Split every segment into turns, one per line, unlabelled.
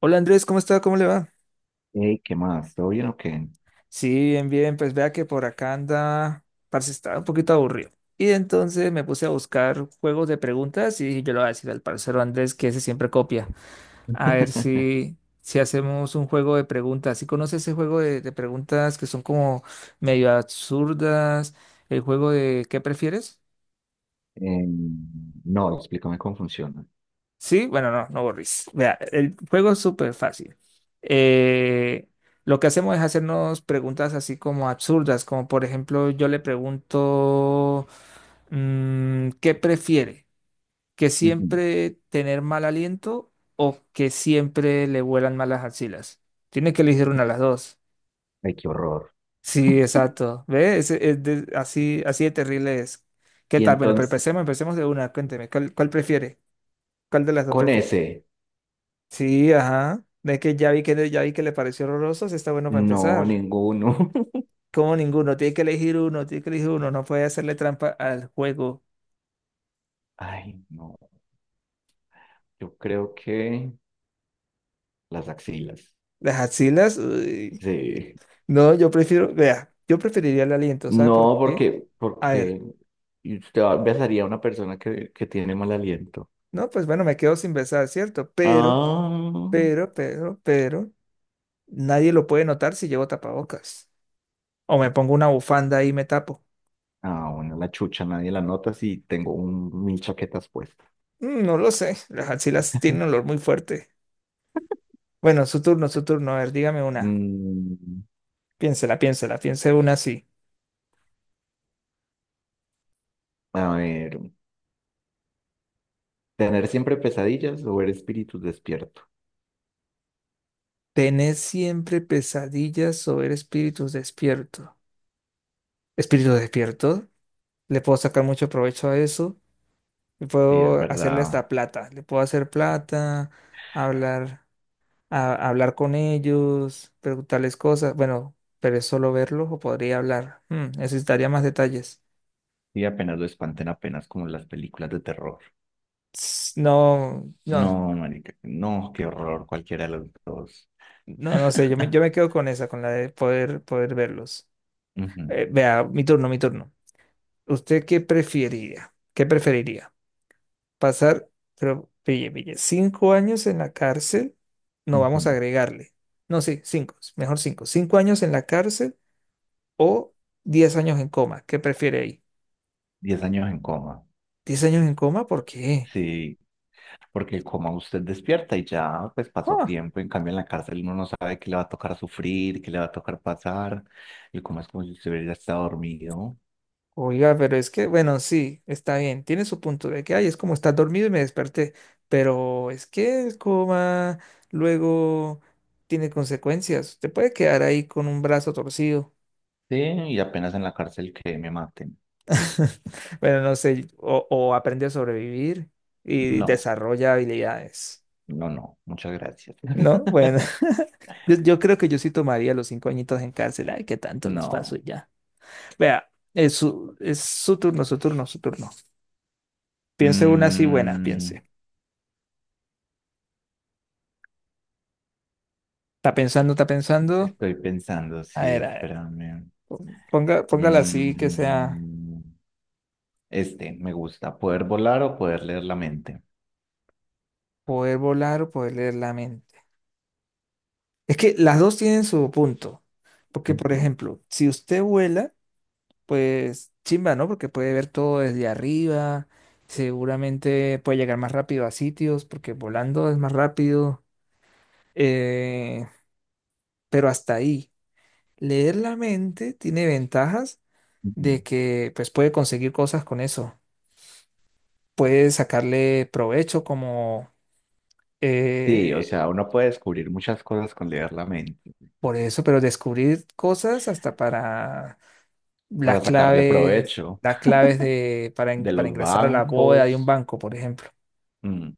Hola Andrés, ¿cómo está? ¿Cómo le va?
Hey, ¿qué más? ¿Todo bien o qué?
Sí, bien, bien, pues vea que por acá anda, parce, estaba un poquito aburrido. Y entonces me puse a buscar juegos de preguntas y dije, yo le voy a decir al parcero Andrés que ese siempre copia. A ver si hacemos un juego de preguntas. ¿Sí conoce ese juego de preguntas que son como medio absurdas? El juego de ¿qué prefieres?
Em, no, explícame cómo funciona.
Sí, bueno, no, no borris. Vea, el juego es súper fácil. Eh, lo que hacemos es hacernos preguntas así como absurdas, como por ejemplo, yo le pregunto, ¿qué prefiere? ¿Que
Ujú.
siempre tener mal aliento o que siempre le vuelan malas axilas? Tiene que elegir una de las dos.
Ay, qué horror.
Sí, exacto. ¿Ve? Es así, así de terrible es. ¿Qué
Y
tal? Bueno, pero
entonces,
empecemos, empecemos de una. Cuénteme, ¿cuál prefiere? ¿Cuál de las dos
con
prefiere?
ese,
Sí, ajá. Es que ya vi que le pareció horroroso, sí está bueno para
no,
empezar.
ninguno.
Como ninguno, tiene que elegir uno, tiene que elegir uno, no puede hacerle trampa al juego.
Ay, no, yo creo que las axilas.
Las axilas, uy.
Sí.
No, yo prefiero, vea, yo preferiría el aliento, ¿sabe por
No,
qué?
porque,
A ver,
porque usted besaría a una persona que tiene mal aliento.
no, pues bueno, me quedo sin besar, ¿cierto? Pero,
Ah,
pero, pero, pero, nadie lo puede notar si llevo tapabocas. O me pongo una bufanda y me tapo.
ah, bueno, la chucha, nadie la nota si tengo mil chaquetas puestas.
No lo sé, las axilas tienen un olor muy fuerte. Bueno, su turno, a ver, dígame una.
Mm,
Piénsela, piénsela, piense una así.
a ver. Tener siempre pesadillas o ver espíritus despierto.
¿Tenés siempre pesadillas o ver espíritus despiertos? ¿Espíritus despiertos? Le puedo sacar mucho provecho a eso. Y
Sí, es
puedo hacerle
verdad.
hasta plata. Le puedo hacer plata, hablar, hablar con ellos, preguntarles cosas. Bueno, pero es solo verlos o podría hablar. Necesitaría más detalles.
Y apenas lo espanten, apenas como en las películas de terror.
No, no,
No, marica, no, qué horror, cualquiera de los dos.
no, no sé. Yo me, yo me quedo con esa, con la de poder verlos.
Ujú,
Vea, mi turno, mi turno. ¿Usted qué preferiría? ¿Qué preferiría? ¿Pasar, pero pille, pille, 5 años en la cárcel? No vamos a
ujú.
agregarle. No, sí, cinco, mejor cinco. ¿5 años en la cárcel o 10 años en coma? ¿Qué prefiere ahí?
10 años en coma.
¿10 años en coma? ¿Por qué?
Sí, porque el coma usted despierta y ya pues pasó
Ah,
tiempo. En cambio, en la cárcel uno no sabe qué le va a tocar sufrir, qué le va a tocar pasar. El coma es como si usted hubiera estado dormido.
oiga, pero es que, bueno, sí, está bien. Tiene su punto de que, ay, es como estar dormido y me desperté. Pero es que el coma luego tiene consecuencias. Te puede quedar ahí con un brazo torcido.
Sí, y apenas en la cárcel que me maten.
Bueno, no sé, o aprende a sobrevivir y
No.
desarrolla habilidades,
No, no, muchas gracias.
¿no? Bueno, yo creo que yo sí tomaría los 5 añitos en cárcel, ay, qué tanto los paso
No.
y ya. Vea, es su turno, su turno, su turno. Piense una así buena,
Mm,
piense. Está pensando, está pensando.
Estoy pensando, sí,
A ver,
espérame.
póngala así que sea
Mm, este, me gusta, poder volar o poder leer la mente.
poder volar o poder leer la mente. Es que las dos tienen su punto, porque por
Ujú,
ejemplo, si usted vuela pues chimba, ¿no? Porque puede ver todo desde arriba, seguramente puede llegar más rápido a sitios, porque volando es más rápido, eh, pero hasta ahí. Leer la mente tiene ventajas
ujú.
de que pues puede conseguir cosas con eso, puede sacarle provecho como
Sí, o
eh,
sea, uno puede descubrir muchas cosas con leer la mente,
por eso, pero descubrir cosas hasta para
para sacarle provecho
las claves de, para,
de
para
los
ingresar a la bóveda de un
bancos.
banco, por ejemplo.
Mm,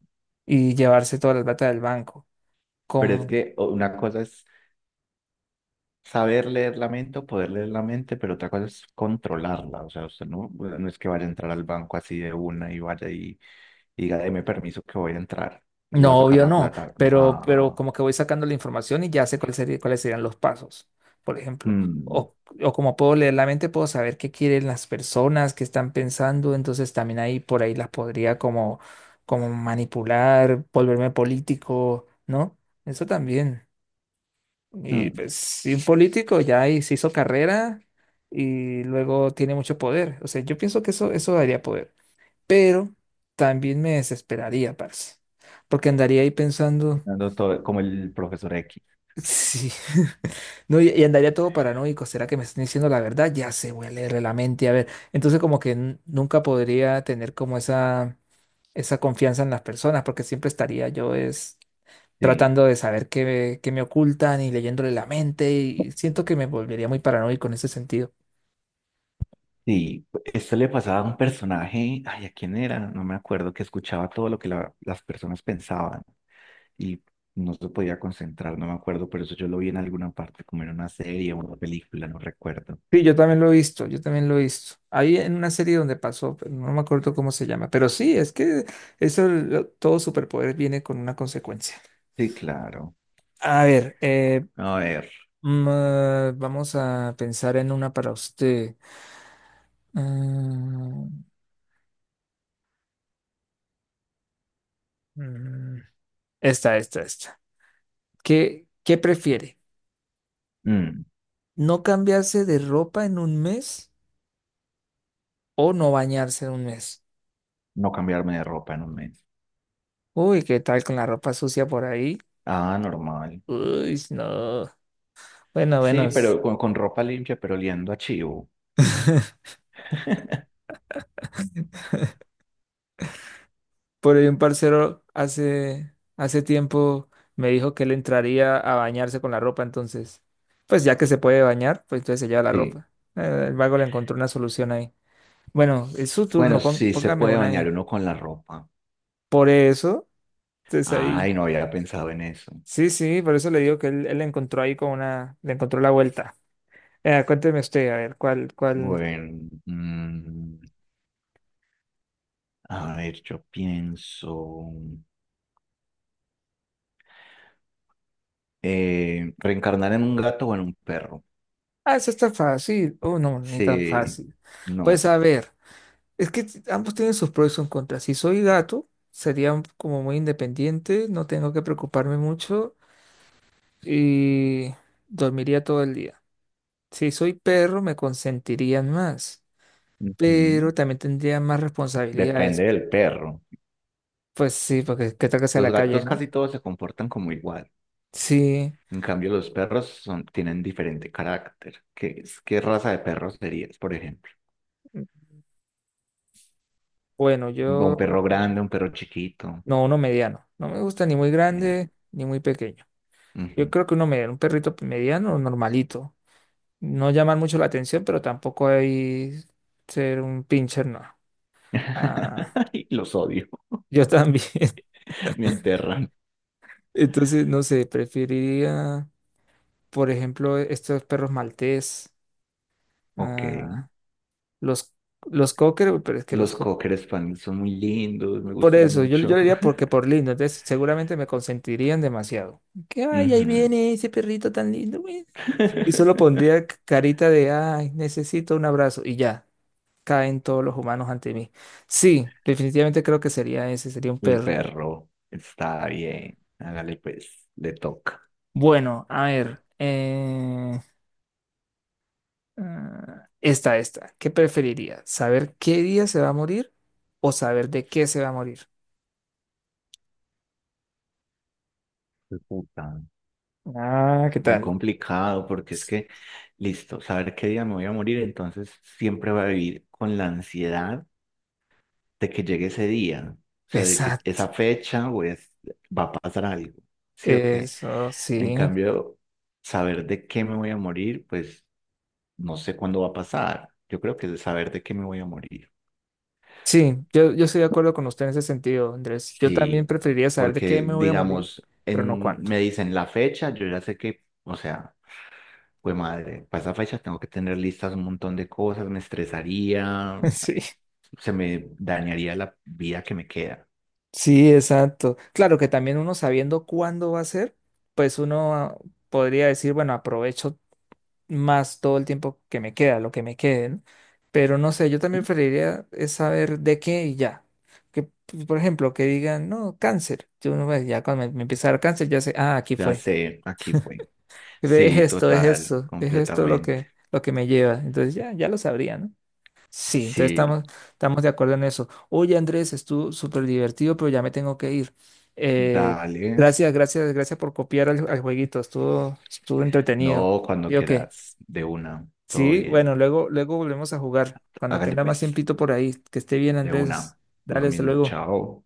Y llevarse toda la plata del banco.
Pero es
Como,
que una cosa es saber leer la mente o poder leer la mente, pero otra cosa es controlarla. O sea, usted no, bueno, no es que vaya a entrar al banco así de una y vaya y diga, deme permiso que voy a entrar y voy a
no,
sacar
obvio
la
no,
plata. No,
pero como que voy sacando la información y ya sé cuáles serían los pasos, por ejemplo.
mm,
O, o como puedo leer la mente, puedo saber qué quieren las personas, qué están pensando, entonces también ahí por ahí las podría como manipular, volverme político, ¿no? Eso también. Y
mm,
pues si un político ya ahí se hizo carrera y luego tiene mucho poder. O sea, yo pienso que eso daría poder. Pero también me desesperaría, parce, porque andaría ahí pensando,
dando como el profesor X.
sí, no, y andaría todo paranoico, ¿será que me están diciendo la verdad? Ya se voy a leerle la mente, a ver, entonces como que nunca podría tener como esa, confianza en las personas, porque siempre estaría yo es
Sí.
tratando de saber qué me ocultan y leyéndole la mente, y siento que me volvería muy paranoico en ese sentido.
Sí, esto le pasaba a un personaje, ay, ¿a quién era? No me acuerdo, que escuchaba todo lo que las personas pensaban y no se podía concentrar, no me acuerdo, pero eso yo lo vi en alguna parte, como en una serie o una película, no recuerdo.
Sí, yo también lo he visto, yo también lo he visto. Ahí en una serie donde pasó, pero no me acuerdo cómo se llama, pero sí, es que eso, todo superpoder viene con una consecuencia.
Sí, claro.
A ver,
A ver,
ah, vamos a pensar en una para usted. Mm, mm, Esta, esta, esta. ¿Qué prefiere?
mm,
¿No cambiarse de ropa en un mes o no bañarse en un mes?
no cambiarme de ropa en un mes.
Uy, ¿qué tal con la ropa sucia por ahí?
Ah, normal.
Uy, no. Bueno, bueno.
Sí, pero con ropa limpia, pero oliendo a chivo.
Por ahí un parcero hace tiempo me dijo que él entraría a bañarse con la ropa, entonces, pues ya que se puede bañar, pues entonces se lleva la
Sí.
ropa. El vago le encontró una solución ahí. Bueno, es su
Bueno,
turno,
sí se
póngame
puede
una
bañar
ahí.
uno con la ropa.
Por eso, entonces ahí.
Ay, no había pensado en eso.
Sí, sí, por eso le digo que él le encontró ahí con una, le encontró la vuelta. Cuénteme usted, a ver, ¿cuál?
Bueno, a ver, yo pienso reencarnar en un gato o en un perro.
Ah, eso está fácil. Oh, no, ni tan
Sí,
fácil.
no.
Pues a ver. Es que ambos tienen sus pros y sus contras. Si soy gato, sería como muy independiente, no tengo que preocuparme mucho y dormiría todo el día. Si soy perro, me consentirían más,
Ujú.
pero también tendría más
Depende
responsabilidades.
del perro.
Pues sí, porque qué tal que sea
Los
la calle,
gatos
¿no?
casi todos se comportan como igual.
Sí,
En cambio, los perros son, tienen diferente carácter. ¿Qué, qué raza de perro serías, por ejemplo?
bueno,
Un
yo
perro grande, un perro chiquito.
no, uno mediano. No me gusta ni muy
Eh,
grande ni muy pequeño. Yo
Ujú.
creo que uno mediano, un perrito mediano o normalito. No llamar mucho la atención, pero tampoco hay ser un pincher, no. Ah,
Ay, los odio,
yo también.
me aterran.
Entonces, no sé, preferiría, por ejemplo, estos perros maltés,
Ok.
ah, los, los cocker, uy, pero es que los
Los
cocker.
cocker spaniels son muy lindos, me
Por
gustan
eso, yo
mucho.
le diría porque por lindo, entonces seguramente me consentirían demasiado. Que, ay, ahí
Ujú.
viene ese perrito tan lindo, güey. Y solo pondría carita de, ay, necesito un abrazo y ya. Caen todos los humanos ante mí. Sí, definitivamente creo que sería ese, sería un
El
perro.
perro está bien. Hágale pues, le toca.
Bueno, a ver, ah, esta, ¿qué preferiría? ¿Saber qué día se va a morir o saber de qué se va a morir?
Puta.
Ah, ¿qué
Muy
tal?
complicado porque es que, listo, saber qué día me voy a morir, entonces siempre va a vivir con la ansiedad de que llegue ese día, o sea, de que
Exacto,
esa fecha o va a pasar algo, ¿sí o qué?
eso
En
sí.
cambio, saber de qué me voy a morir, pues no sé cuándo va a pasar. Yo creo que es saber de qué me voy a morir.
Sí, yo estoy de acuerdo con usted en ese sentido, Andrés. Yo también
Sí,
preferiría saber de qué
porque
me voy a morir,
digamos,
pero no
en,
cuándo.
me dicen la fecha, yo ya sé que, o sea... Pues madre, para esa fecha tengo que tener listas un montón de cosas, me estresaría,
Sí.
se me dañaría la vida que me queda.
Sí, exacto. Claro que también uno sabiendo cuándo va a ser, pues uno podría decir, bueno, aprovecho más todo el tiempo que me queda, lo que me quede, ¿no? Pero no sé, yo también preferiría es saber de qué y ya. Que, por ejemplo, que digan, no, cáncer. Yo uno, pues, ya cuando me empieza a dar cáncer, ya sé, ah, aquí
Ya
fue.
sé, aquí fue.
Ve, es
Sí,
esto, es
total,
esto, es esto
completamente.
lo que me lleva. Entonces ya, ya lo sabría, ¿no? Sí, entonces
Sí,
estamos, estamos de acuerdo en eso. Oye, Andrés, estuvo súper divertido, pero ya me tengo que ir. Eh,
dale.
Gracias, gracias, gracias por copiar al jueguito. Estuvo, estuvo entretenido.
No, cuando
¿Sí o qué?
quieras, de una, todo
Sí,
bien.
bueno, luego, luego volvemos a jugar. Cuando
Hágale
tenga más
pues,
tiempito por ahí. Que esté bien,
de
Andrés.
una, lo
Dale, hasta
mismo,
luego.
chao.